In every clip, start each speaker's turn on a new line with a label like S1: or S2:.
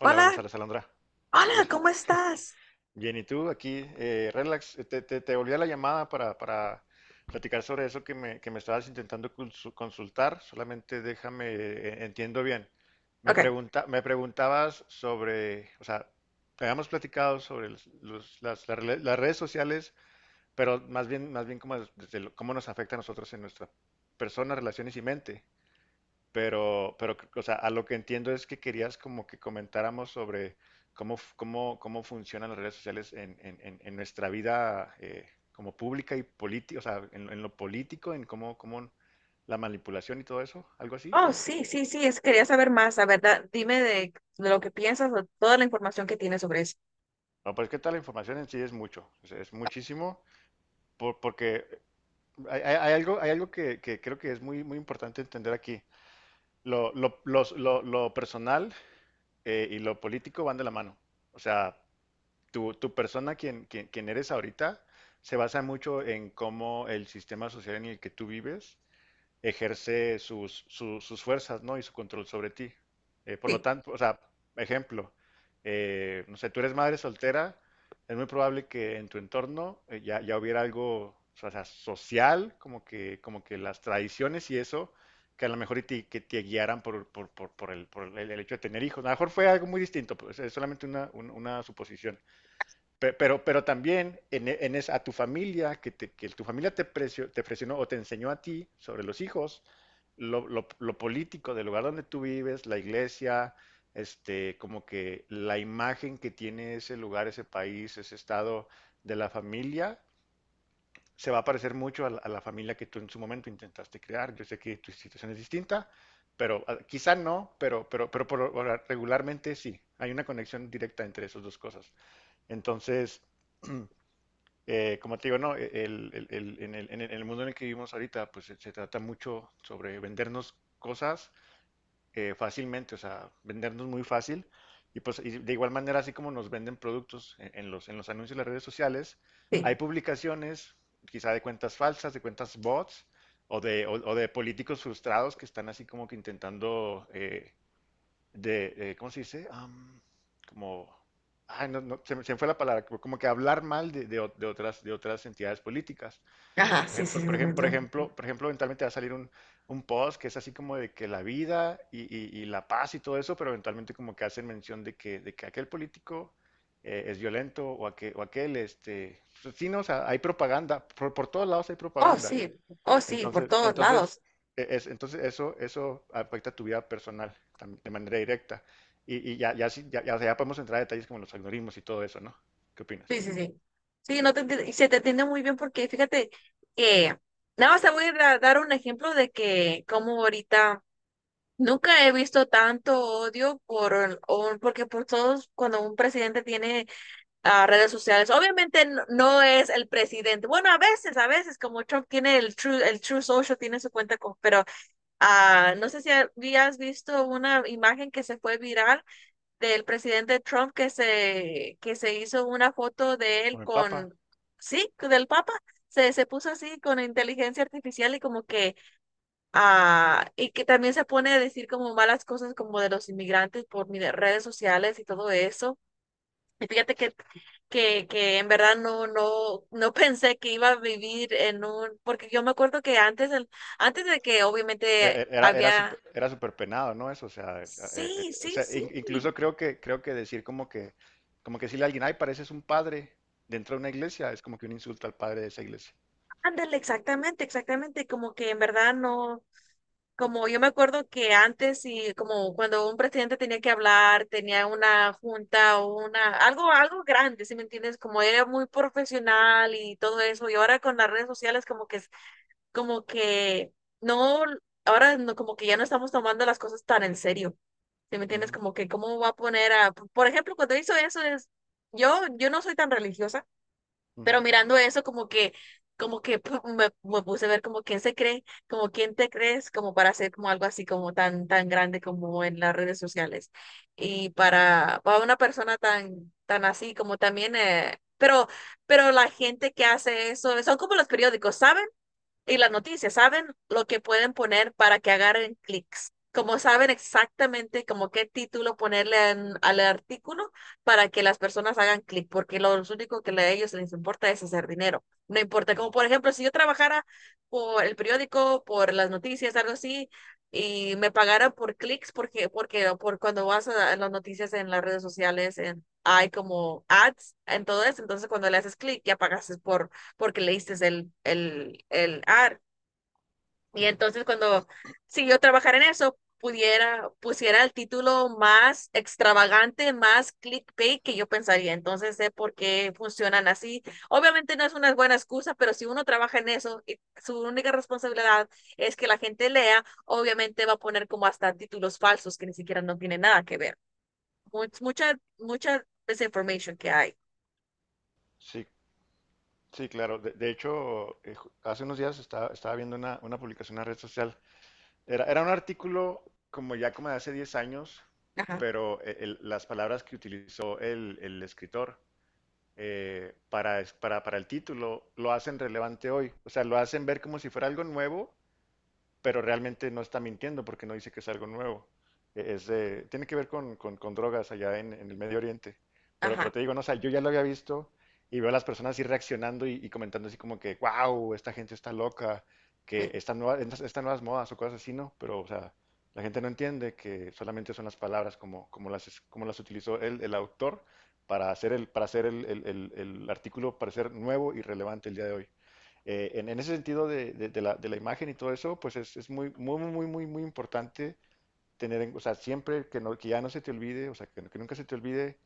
S1: Hola, buenas
S2: Hola,
S1: tardes, Alondra.
S2: hola,
S1: Hola.
S2: ¿cómo estás?
S1: Bien, ¿y tú? Aquí, relax, te volví a la llamada para platicar sobre eso que me estabas intentando consultar. Solamente déjame, entiendo bien.
S2: Ok.
S1: Me preguntabas sobre, o sea, habíamos platicado sobre las las redes sociales, pero más bien como desde cómo nos afecta a nosotros en nuestra persona, relaciones y mente. Pero, o sea, a lo que entiendo es que querías como que comentáramos sobre cómo funcionan las redes sociales en, en nuestra vida como pública y política, o sea, en lo político, cómo la manipulación y todo eso, algo así.
S2: Oh, sí, sí, sí, quería saber más, la verdad. Dime de lo que piensas o toda la información que tienes sobre eso.
S1: No, pues que tal, la información en sí es mucho, o sea, es muchísimo, porque hay algo que creo que es muy, muy importante entender aquí. Lo personal y lo político van de la mano. O sea, tu persona, quien eres ahorita, se basa mucho en cómo el sistema social en el que tú vives ejerce sus fuerzas, ¿no? Y su control sobre ti. Por lo
S2: Sí,
S1: tanto, o sea, ejemplo, no sé, tú eres madre soltera, es muy probable que en tu entorno ya hubiera algo, o sea, social, como que las tradiciones y eso, que a lo mejor y te, que te guiaran el hecho de tener hijos. A lo mejor fue algo muy distinto, pues, es solamente una suposición. Pero también en, en a tu familia, que, que tu familia te, te presionó o te enseñó a ti sobre los hijos, lo político del lugar donde tú vives, la iglesia, este, como que la imagen que tiene ese lugar, ese país, ese estado de la familia, se va a parecer mucho a la familia que tú en su momento intentaste crear. Yo sé que tu situación es distinta, pero ah, quizá no, pero regularmente sí. Hay una conexión directa entre esas dos cosas. Entonces… Como te digo, no, en el mundo en el que vivimos ahorita, pues se trata mucho sobre vendernos cosas fácilmente, o sea, vendernos muy fácil. Y pues y de igual manera, así como nos venden productos en, en los anuncios de las redes sociales, hay
S2: sí.
S1: publicaciones, quizá de cuentas falsas, de cuentas bots, o de políticos frustrados que están así como que intentando ¿cómo se dice? Como, ay, no, no, se me fue la palabra, como como que hablar mal de de otras entidades políticas.
S2: Ajá,
S1: Por
S2: sí, sí,
S1: ejemplo,
S2: sí,
S1: por ejem-
S2: tremendo.
S1: por ejemplo, eventualmente va a salir un post que es así como de que la vida y la paz y todo eso, pero eventualmente como que hacen mención de que aquel político es violento o aquel, este, pues sí, no, o sea, hay propaganda, por todos lados hay
S2: Oh,
S1: propaganda.
S2: sí, oh, sí, por
S1: Entonces,
S2: todos
S1: entonces,
S2: lados.
S1: entonces eso, eso afecta tu vida personal de manera directa. Ya, o sea, ya podemos entrar a detalles como los algoritmos y todo eso, ¿no? ¿Qué opinas?
S2: Sí, sí, sí. Sí, no te, enti- y se te entiende muy bien porque fíjate que nada más te voy a dar un ejemplo de que como ahorita nunca he visto tanto odio por, porque por todos, cuando un presidente tiene a redes sociales. Obviamente no, no es el presidente. Bueno, a veces, como Trump tiene el True Social, tiene su cuenta, con, pero no sé si habías visto una imagen que se fue viral del presidente Trump que se hizo una foto de él
S1: Con el Papa,
S2: con, sí, del Papa. Se puso así con inteligencia artificial y como que, y que también se pone a decir como malas cosas como de los inmigrantes por redes sociales y todo eso. Y fíjate que en verdad no, no, no pensé que iba a vivir en un, porque yo me acuerdo que antes, antes de que obviamente
S1: era súper,
S2: había,
S1: era súper penado, ¿no? Eso,
S2: sí,
S1: o
S2: sí,
S1: sea,
S2: sí,
S1: incluso creo que decir como que decirle a alguien, ay, pareces un padre dentro de una iglesia, es como que un insulto al padre de esa iglesia.
S2: ándale, exactamente, exactamente, como que en verdad no, como yo me acuerdo que antes y como cuando un presidente tenía que hablar, tenía una junta o una, algo, algo grande, ¿si me entiendes? Como era muy profesional y todo eso, y ahora con las redes sociales como que no, ahora no, como que ya no estamos tomando las cosas tan en serio. ¿Sí me entiendes?
S1: Ujú,
S2: Como que cómo va a poner a, por ejemplo, cuando hizo eso es, yo no soy tan religiosa, pero
S1: ujú,
S2: mirando eso como que, me puse a ver como quién se cree, como quién te crees, como para hacer como algo así como tan, tan grande como en las redes sociales. Y para una persona tan, tan así como también, pero la gente que hace eso, son como los periódicos, ¿saben? Y las noticias, ¿saben? Lo que pueden poner para que agarren clics. Como saben exactamente como qué título ponerle al artículo para que las personas hagan clic, porque lo único que a ellos les importa es hacer dinero. No importa,
S1: ujú,
S2: como por ejemplo, si yo trabajara por el periódico, por las noticias, algo así, y me pagaran por clics, porque por cuando vas a las noticias en las redes sociales, hay como ads en todo eso, entonces cuando le haces clic ya pagas porque leíste el AR. Y
S1: ujú.
S2: entonces cuando, si yo trabajara en eso, pudiera, pusiera el título más extravagante, más clickbait que yo pensaría. Entonces sé por qué funcionan así. Obviamente no es una buena excusa, pero si uno trabaja en eso y su única responsabilidad es que la gente lea, obviamente va a poner como hasta títulos falsos que ni siquiera no tienen nada que ver. Mucha desinformation que hay.
S1: Sí, sí, claro. De hecho, hace unos días estaba, estaba viendo una publicación en la red social. Era, era un artículo como ya como de hace 10 años,
S2: Ajá,
S1: pero las palabras que utilizó el escritor para el título lo hacen relevante hoy. O sea, lo hacen ver como si fuera algo nuevo, pero realmente no está mintiendo porque no dice que es algo nuevo. Tiene que ver con, con drogas allá en el Medio Oriente. Pero
S2: ajá,
S1: te digo, no, o sea, yo ya lo había visto y veo a las personas así reaccionando y comentando así como que, wow, esta gente está loca, que
S2: sí,
S1: estas nuevas, estas nuevas modas o cosas así, ¿no? Pero, o sea, la gente no entiende que solamente son las palabras como, como las, como las utilizó el autor para hacer el, para hacer el artículo parecer nuevo y relevante el día de hoy. En ese sentido de, de la imagen y todo eso, pues es muy importante tener, o sea, siempre que, no, que ya no se te olvide, o sea, que nunca se te olvide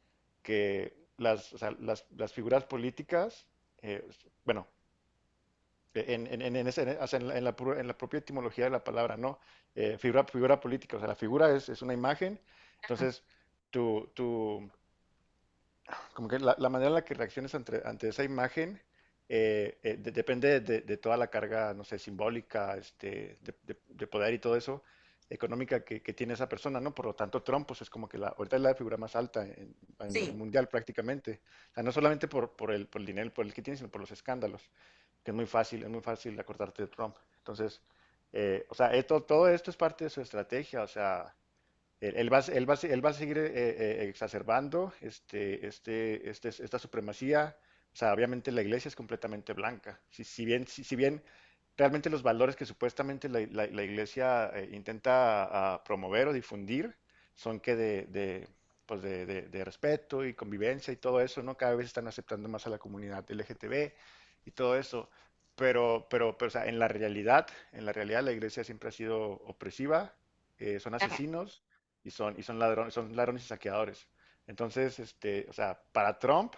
S1: que las, o sea, las figuras políticas, eh, bueno, en, en o sea, en la, en la en la propia etimología de la palabra, ¿no? Figura, figura política, o sea, la figura es una imagen,
S2: ajá,
S1: entonces tu, como que la manera en la que reacciones ante, ante esa imagen depende de toda la carga, no sé, simbólica, este, de poder y todo eso, económica que tiene esa persona, ¿no? Por lo tanto, Trump, pues es como que la, ahorita es la figura más alta a nivel
S2: sí,
S1: mundial prácticamente. O sea, no solamente por el dinero, por el que tiene, sino por los escándalos, que es muy fácil acordarte de Trump. Entonces, o sea, esto, todo esto es parte de su estrategia, o sea, él va a seguir exacerbando esta supremacía. O sea, obviamente la iglesia es completamente blanca. Si bien, si bien realmente los valores que supuestamente la iglesia intenta promover o difundir son de, pues de respeto y convivencia y todo eso, ¿no? Cada vez están aceptando más a la comunidad LGTB y todo eso. Pero, o sea, en la realidad la iglesia siempre ha sido opresiva, son
S2: ajá,
S1: asesinos y son ladrones y saqueadores. Entonces, este, o sea, para Trump,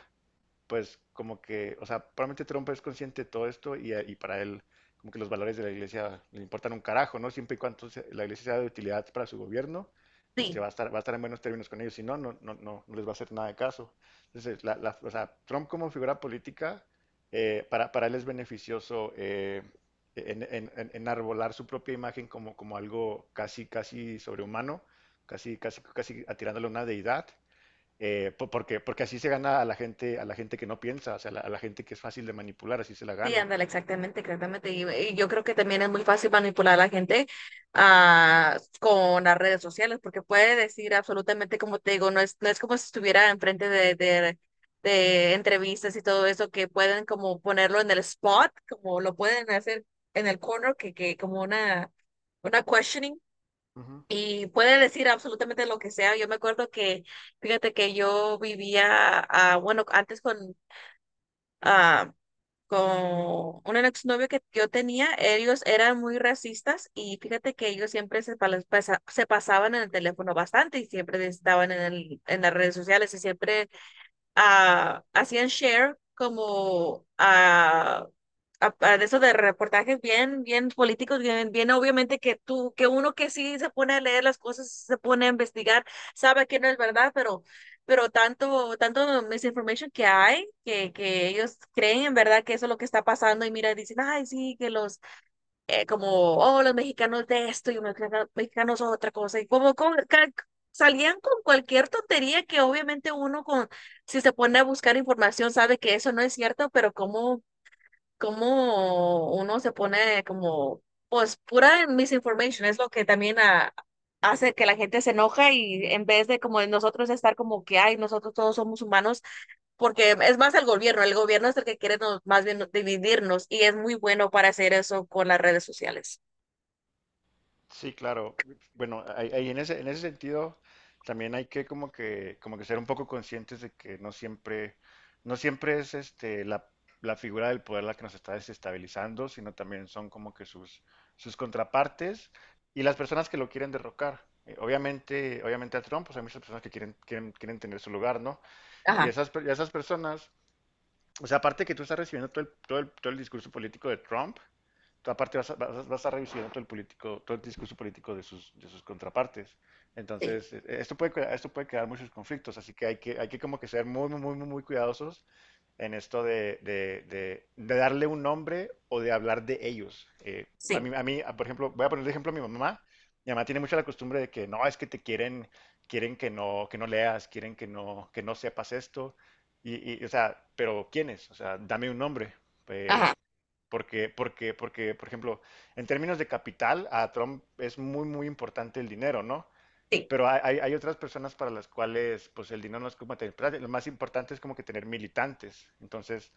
S1: pues como que, o sea, probablemente Trump es consciente de todo esto y para él como que los valores de la iglesia le importan un carajo, ¿no? Siempre y cuando la iglesia sea de utilidad para su gobierno, este,
S2: sí.
S1: va a estar en buenos términos con ellos, si no, no les va a hacer nada de caso. Entonces, o sea, Trump como figura política, para él es beneficioso enarbolar su propia imagen como, como algo casi sobrehumano, casi atirándole a una deidad porque, porque así se gana a la gente que no piensa, o sea, a la gente que es fácil de manipular, así se la
S2: Sí,
S1: gana.
S2: ándale, exactamente, exactamente. Y yo creo que también es muy fácil manipular a la gente con las redes sociales, porque puede decir absolutamente, como te digo, no es como si estuviera enfrente de entrevistas y todo eso, que pueden como ponerlo en el spot, como lo pueden hacer en el corner, que como una questioning.
S1: Ujú.
S2: Y puede decir absolutamente lo que sea. Yo me acuerdo que, fíjate que yo vivía, bueno, antes ah, con un exnovio que yo tenía. Ellos eran muy racistas y fíjate que ellos siempre se pasaban en el teléfono bastante y siempre estaban en las redes sociales y siempre hacían share como a de esos de reportajes bien, bien políticos, bien, bien obviamente que tú, que uno que sí se pone a leer las cosas, se pone a investigar, sabe que no es verdad, pero, tanto, tanto misinformation que hay, que ellos creen en verdad que eso es lo que está pasando. Y mira, dicen, ay, sí, que los como, oh, los mexicanos de esto y los mexicanos son otra cosa, y como, salían con cualquier tontería que obviamente uno con, si se pone a buscar información sabe que eso no es cierto, pero como, uno se pone como, pues pura misinformation es lo que también hace que la gente se enoja, y en vez de como nosotros estar como que, ay, nosotros todos somos humanos, porque es más el gobierno es el que quiere más bien dividirnos, y es muy bueno para hacer eso con las redes sociales.
S1: Sí, claro. Bueno, ahí en ese sentido también hay que como que, como que ser un poco conscientes de que no siempre, no siempre es este la, la figura del poder la que nos está desestabilizando, sino también son como que sus, sus contrapartes y las personas que lo quieren derrocar. Obviamente a Trump, pues hay muchas personas que quieren, quieren tener su lugar, ¿no?
S2: Ajá,
S1: Y esas personas o sea, aparte de que tú estás recibiendo todo el, todo el discurso político de Trump, tú aparte vas a recibiendo todo el, político, todo el discurso político de sus contrapartes.
S2: sí,
S1: Entonces, esto puede, esto puede crear muchos conflictos, así que hay que, hay que como que ser muy cuidadosos en esto de, de darle un nombre o de hablar de ellos. A mí,
S2: sí,
S1: por ejemplo, voy a poner de ejemplo a mi mamá. Mi mamá tiene mucho la costumbre de que no, es que te quieren, quieren que no leas, quieren que no sepas esto. Y, o sea, pero ¿quiénes? O sea, dame un nombre. Eh,
S2: ajá,
S1: porque, por ejemplo, en términos de capital, a Trump es muy, muy importante el dinero, ¿no?
S2: sí,
S1: Pero hay otras personas para las cuales pues el dinero no es como tener plata. Lo más importante es como que tener militantes. Entonces,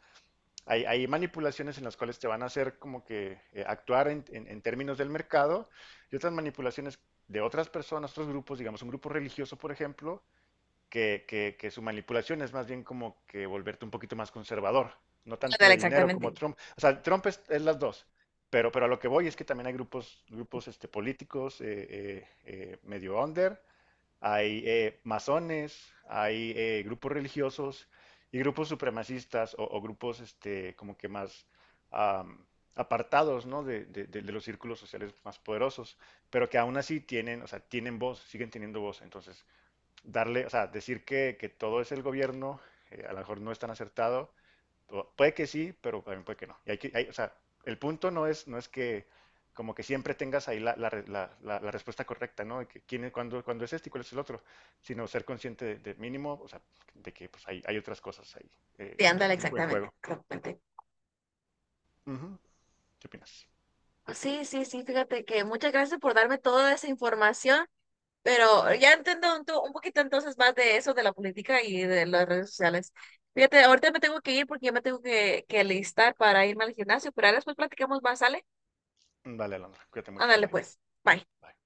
S1: hay manipulaciones en las cuales te van a hacer como que actuar en, en términos del mercado y otras manipulaciones de otras personas, otros grupos, digamos, un grupo religioso, por ejemplo, que, que su manipulación es más bien como que volverte un poquito más conservador, no tanto
S2: ándale
S1: de dinero como
S2: exactamente,
S1: Trump. O sea, Trump es las dos, pero a lo que voy es que también hay grupos, grupos este, políticos medio under, hay masones, hay grupos religiosos y grupos supremacistas o grupos este, como que más am, apartados, ¿no? de, de los círculos sociales más poderosos, pero que aún así tienen, o sea, tienen voz, siguen teniendo voz. Entonces, darle, o sea, decir que todo es el gobierno, a lo mejor no es tan acertado. Puede que sí, pero también puede que no. Y hay que, o sea, el punto no es, no es que como que siempre tengas ahí la, la respuesta correcta, ¿no? De que quién es, cuándo es este y cuál es el otro, sino ser consciente de mínimo, o sea, de que pues, hay otras cosas ahí eh,
S2: sí, ándale
S1: en juego, en
S2: exactamente,
S1: juego.
S2: exactamente.
S1: ¿Qué opinas?
S2: Pues sí, sí, sí, fíjate que muchas gracias por darme toda esa información. Pero ya entiendo un poquito entonces más de eso, de la política y de las redes sociales. Fíjate, ahorita me tengo que ir porque ya me tengo que listar para irme al gimnasio, pero ahora después platicamos más, ¿sale?
S1: Vale, Alondra, cuídate mucho, bye
S2: Ándale
S1: bye.
S2: pues. Bye.
S1: Bye.